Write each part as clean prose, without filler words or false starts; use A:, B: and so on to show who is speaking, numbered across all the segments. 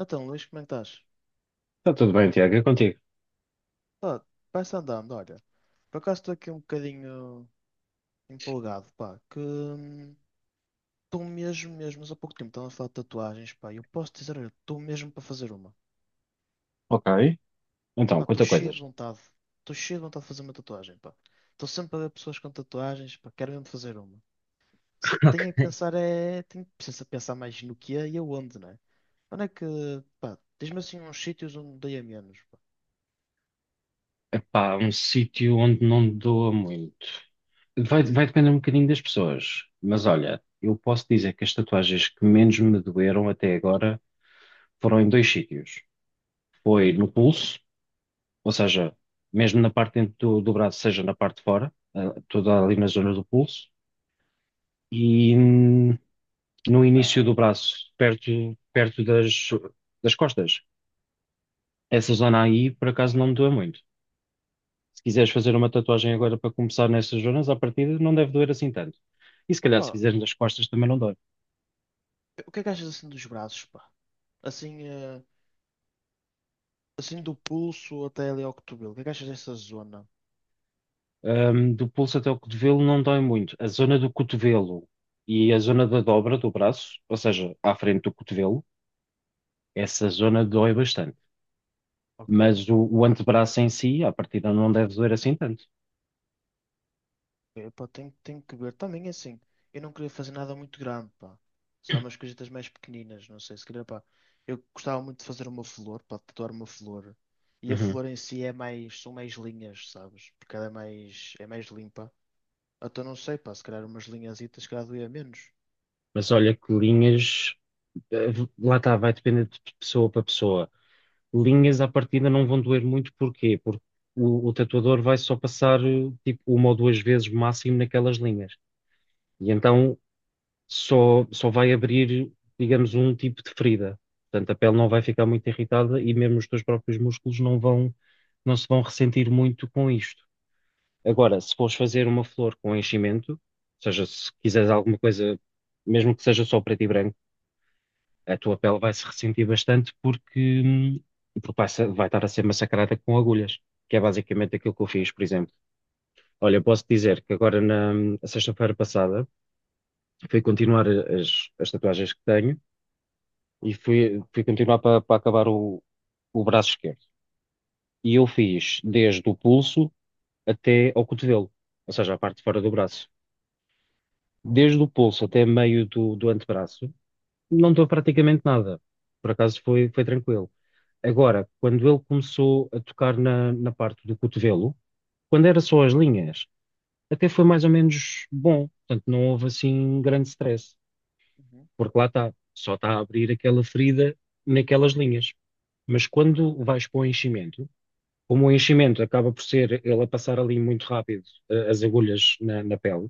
A: Então, Luís, como é que estás?
B: Está tudo bem, Tiago, é contigo.
A: Pá, vai-se andando, olha. Por acaso estou aqui um bocadinho empolgado, pá, que estou mesmo, mesmo, mas há pouco tempo estava a falar de tatuagens, pá, e eu posso dizer, olha, estou mesmo para fazer uma.
B: Ok. Então,
A: Pá, estou
B: quantas
A: cheio de
B: coisas.
A: vontade, estou cheio de vontade de fazer uma tatuagem, pá. Estou sempre a ver pessoas com tatuagens, pá, quero mesmo fazer uma. Só
B: Ok.
A: tenho é que pensar, é, tenho preciso pensar mais no que é e aonde, né? Onde é que, pá, diz-me assim uns sítios onde dei a menos, pá.
B: Epá, um sítio onde não doa muito. Vai depender um bocadinho das pessoas, mas olha, eu posso dizer que as tatuagens que menos me doeram até agora foram em dois sítios. Foi no pulso, ou seja, mesmo na parte dentro do braço, seja na parte de fora, toda ali na zona do pulso, e no início do braço, perto das costas. Essa zona aí, por acaso, não me doa muito. Se quiseres fazer uma tatuagem agora para começar nessas zonas, à partida não deve doer assim tanto. E se calhar se
A: Opa,
B: fizeres nas costas também não dói.
A: o que é que achas assim dos braços, pá? Assim, assim do pulso até ali ao cotovelo. O que é que achas dessa zona?
B: Do pulso até o cotovelo não dói muito. A zona do cotovelo e a zona da dobra do braço, ou seja, à frente do cotovelo, essa zona dói bastante.
A: Ok.
B: Mas o antebraço em si, à partida não deve doer assim tanto.
A: Epá, tenho, tenho que ver. Também assim, eu não queria fazer nada muito grande, pá. Sei lá, umas coisitas mais pequeninas, não sei, se calhar, pá. Eu gostava muito de fazer uma flor, pá, de tatuar uma flor. E a
B: Uhum.
A: flor em si é mais, são mais linhas, sabes? Porque ela é mais limpa. Então não sei, pá, se calhar umas linhazitas, se calhar doía menos.
B: Mas olha que linhas, eh, lá está, vai depender de pessoa para pessoa. Linhas à partida não vão doer muito, porquê? Porque o tatuador vai só passar tipo uma ou duas vezes máximo naquelas linhas. E então só vai abrir, digamos, um tipo de ferida. Portanto, a pele não vai ficar muito irritada e mesmo os teus próprios músculos não se vão ressentir muito com isto. Agora, se fores fazer uma flor com enchimento, ou seja, se quiseres alguma coisa, mesmo que seja só preto e branco, a tua pele vai se ressentir bastante porque vai estar a ser massacrada com agulhas, que é basicamente aquilo que eu fiz, por exemplo. Olha, eu posso dizer que agora na sexta-feira passada fui continuar as tatuagens que tenho e fui continuar para acabar o braço esquerdo. E eu fiz desde o pulso até ao cotovelo, ou seja, a parte de fora do braço. Desde o pulso até meio do antebraço, não dou praticamente nada. Por acaso foi tranquilo. Agora, quando ele começou a tocar na parte do cotovelo, quando era só as linhas, até foi mais ou menos bom. Portanto, não houve assim grande stress,
A: Uhum.
B: porque lá está, só está a abrir aquela ferida naquelas linhas. Mas quando vais para o enchimento, como o enchimento acaba por ser ele a passar ali muito rápido as agulhas na pele,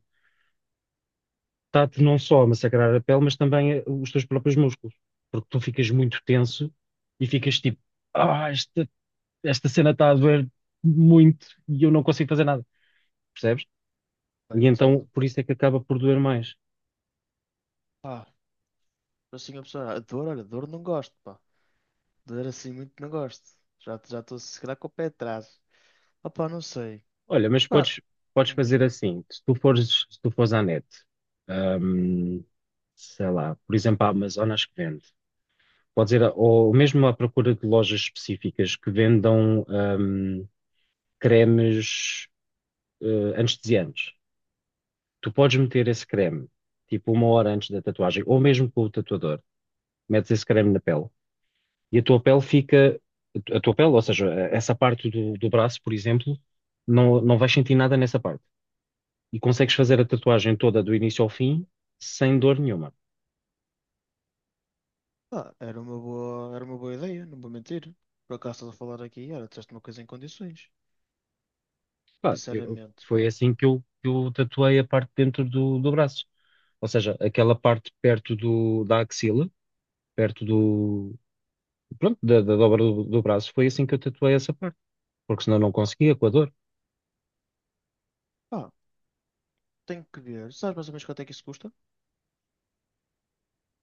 B: está-te não só a massacrar a pele, mas também os teus próprios músculos, porque tu ficas muito tenso e ficas tipo, ah, isto esta cena está a doer muito e eu não consigo fazer nada, percebes?
A: Pá,
B: E então
A: entendo.
B: por isso é que acaba por doer mais.
A: Pá, assim a pessoa, a dor, olha, dor não gosto, pá. Dor assim muito não gosto. Já já estou se calhar com o pé atrás. Opá, não sei.
B: Olha, mas
A: Pá,
B: podes fazer
A: diz-me.
B: assim, se tu fores à net, hum, sei lá, por exemplo, a Amazon acho que vende. Pode ser, ou mesmo à procura de lojas específicas que vendam cremes anestesiantes. Tu podes meter esse creme, tipo 1 hora antes da tatuagem, ou mesmo com o tatuador, metes esse creme na pele e a tua pele fica, a tua pele, ou seja, essa parte do braço, por exemplo, não vais sentir nada nessa parte. E consegues fazer a tatuagem toda do início ao fim sem dor nenhuma.
A: Pá, era uma boa ideia, não vou mentir. Por acaso estás a falar aqui, olha, disseste uma coisa em condições.
B: Pá,
A: Sinceramente,
B: foi
A: pá.
B: assim que eu tatuei a parte dentro do braço. Ou seja, aquela parte perto da axila, perto do, pronto, da dobra do braço, foi assim que eu tatuei essa parte, porque senão não conseguia com a dor.
A: Pá, tenho que ver. Sabes mais ou menos quanto é que isso custa?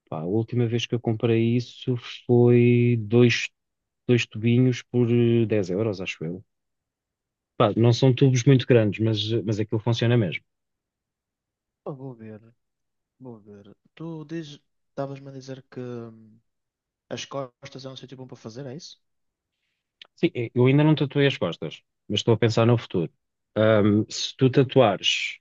B: Pá, a última vez que eu comprei isso foi dois tubinhos por 10 euros, acho eu. Pá, não são tubos muito grandes, mas aquilo funciona mesmo.
A: Pá, vou ver, vou ver. Tu dizes, estavas-me a dizer que as costas é um sítio bom para fazer, é isso?
B: Sim, eu ainda não tatuei as costas, mas estou a pensar no futuro. Se tu tatuares,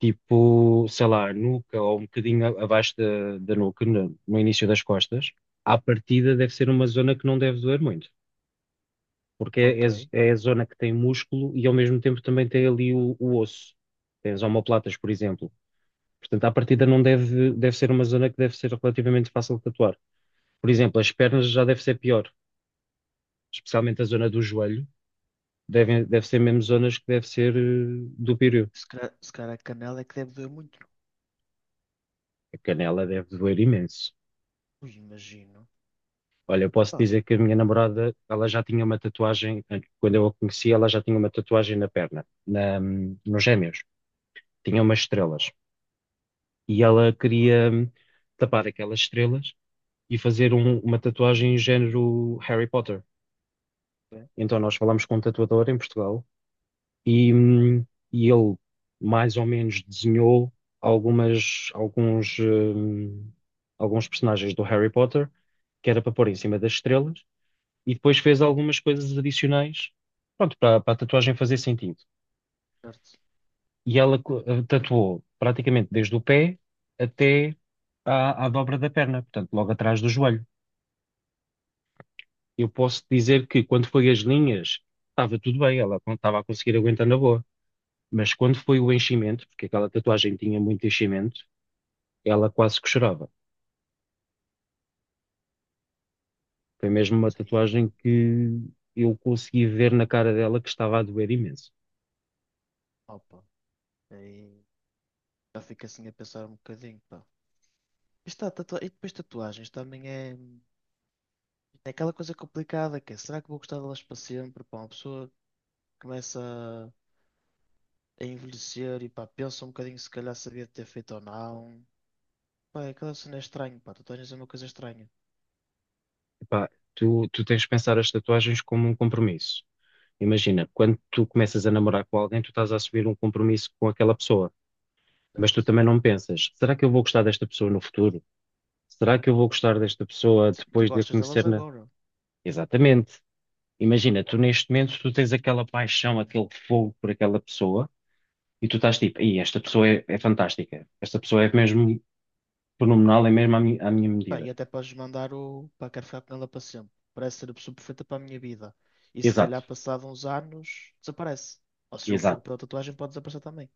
B: tipo, sei lá, a nuca ou um bocadinho abaixo da nuca, no início das costas, à partida deve ser uma zona que não deve doer muito, porque é,
A: Ok.
B: é, z- é a zona que tem músculo e ao mesmo tempo também tem ali o osso. Tem as omoplatas, por exemplo. Portanto, à partida não deve, deve ser uma zona que deve ser relativamente fácil de tatuar. Por exemplo, as pernas já deve ser pior, especialmente a zona do joelho, deve ser mesmo zonas que deve ser do pírio.
A: Se calhar, se calhar a canela é que deve doer muito,
B: A canela deve doer imenso.
A: imagino.
B: Olha, eu posso
A: Pá.
B: dizer que a minha namorada, ela já tinha uma tatuagem, quando eu a conheci, ela já tinha uma tatuagem na perna, nos gêmeos. Tinha umas estrelas. E ela queria tapar aquelas estrelas e fazer uma tatuagem em género Harry Potter.
A: Bem,
B: Então nós falámos com um tatuador em Portugal e, hum, e ele mais ou menos desenhou algumas, alguns, hum, alguns personagens do Harry Potter, que era para pôr em cima das estrelas, e depois fez algumas coisas adicionais, pronto, para a tatuagem fazer sentido.
A: certo.
B: E ela tatuou praticamente desde o pé até à dobra da perna, portanto, logo atrás do joelho. Eu posso dizer que quando foi as linhas, estava tudo bem, ela estava a conseguir aguentar na boa. Mas quando foi o enchimento, porque aquela tatuagem tinha muito enchimento, ela quase que chorava. Foi mesmo uma
A: E,
B: tatuagem que eu consegui ver na cara dela que estava a doer imenso.
A: opa, aí já fico assim a pensar um bocadinho, pá. Está, tatua... E depois tatuagens também é... é aquela coisa complicada que é, será que vou gostar delas para sempre? Pá, uma pessoa começa a envelhecer e pá, pensa um bocadinho se calhar sabia ter feito ou não. Pá, é aquela cena é estranha, pá, tatuagens é uma coisa estranha.
B: Epá, tu tens de pensar as tatuagens como um compromisso. Imagina, quando tu começas a namorar com alguém, tu estás a assumir um compromisso com aquela pessoa, mas tu
A: Certo.
B: também não pensas, será que eu vou gostar desta pessoa no futuro? Será que eu vou gostar desta pessoa
A: Sim, tu
B: depois de a
A: gostas delas
B: conhecer na...
A: agora.
B: Exatamente. Imagina, tu neste momento, tu tens aquela paixão, aquele fogo por aquela pessoa, e tu estás tipo: "Ei, esta pessoa é fantástica, esta pessoa é mesmo fenomenal, é mesmo à minha
A: Pá, e
B: medida."
A: até podes mandar o. Pá, quero ficar com ela para sempre. Parece ser a pessoa perfeita para a minha vida. E se
B: Exato,
A: calhar, passado uns anos, desaparece. Ou seja, o fogo
B: exato,
A: pela tatuagem pode desaparecer também.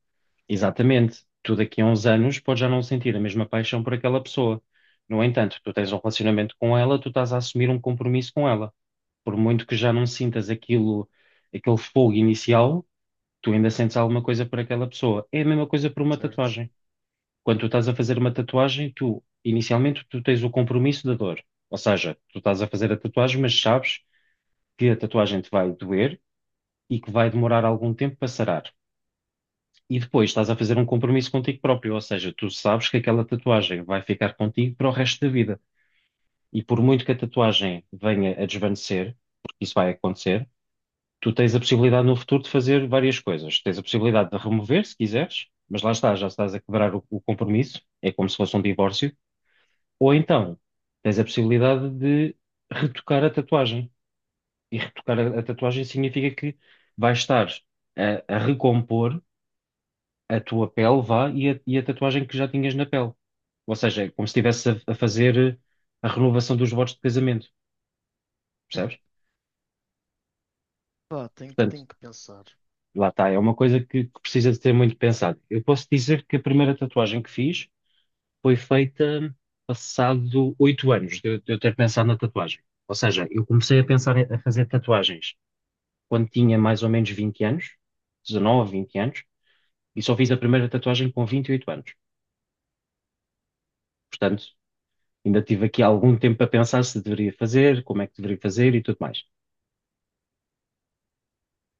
B: exatamente. Tu daqui a uns anos podes já não sentir a mesma paixão por aquela pessoa. No entanto, tu tens um relacionamento com ela, tu estás a assumir um compromisso com ela. Por muito que já não sintas aquilo, aquele fogo inicial, tu ainda sentes alguma coisa por aquela pessoa. É a mesma coisa por uma
A: Certo?
B: tatuagem. Quando tu estás a fazer uma tatuagem, tu, inicialmente, tu tens o compromisso da dor. Ou seja, tu estás a fazer a tatuagem, mas sabes que a tatuagem te vai doer e que vai demorar algum tempo para sarar. E depois estás a fazer um compromisso contigo próprio, ou seja, tu sabes que aquela tatuagem vai ficar contigo para o resto da vida. E por muito que a tatuagem venha a desvanecer, porque isso vai acontecer, tu tens a possibilidade no futuro de fazer várias coisas. Tens a possibilidade de remover, se quiseres, mas lá está, já estás a quebrar o compromisso, é como se fosse um divórcio. Ou então, tens a possibilidade de retocar a tatuagem. E retocar a tatuagem significa que vais estar a recompor a tua pele, vá, e a tatuagem que já tinhas na pele. Ou seja, é como se estivesse a fazer a renovação dos votos de casamento, percebes?
A: Pá,
B: Portanto,
A: tenho que pensar.
B: lá está, é uma coisa que precisa de ser muito pensada. Eu posso dizer que a primeira tatuagem que fiz foi feita passado 8 anos de eu ter pensado na tatuagem. Ou seja, eu comecei a pensar a fazer tatuagens quando tinha mais ou menos 20 anos, 19, 20 anos, e só fiz a primeira tatuagem com 28 anos. Portanto, ainda tive aqui algum tempo a pensar se deveria fazer, como é que deveria fazer e tudo mais.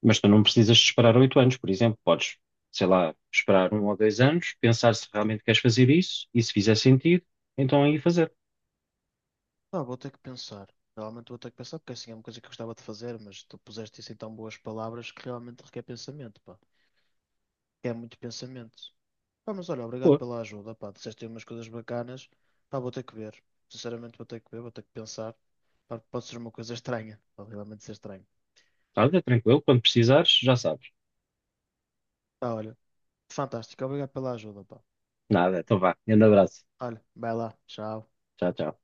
B: Mas tu não precisas de esperar 8 anos, por exemplo. Podes, sei lá, esperar 1 ou 2 anos, pensar se realmente queres fazer isso e se fizer sentido, então aí fazer.
A: Pá, vou ter que pensar. Realmente vou ter que pensar, porque assim é uma coisa que eu gostava de fazer, mas tu puseste isso em tão boas palavras que realmente requer pensamento, pá. Requer muito pensamento. Pá, mas olha, obrigado
B: Pô,
A: pela ajuda, pá, disseste aí umas coisas bacanas, pá, vou ter que ver, sinceramente vou ter que ver, vou ter que pensar, pá, pode ser uma coisa estranha, pode realmente ser estranho.
B: olha, tranquilo, quando precisares, já sabes.
A: Pá, olha, fantástico, obrigado pela ajuda, pá.
B: Nada, então vá. Grande abraço.
A: Olha, vai lá, tchau.
B: Tchau, tchau.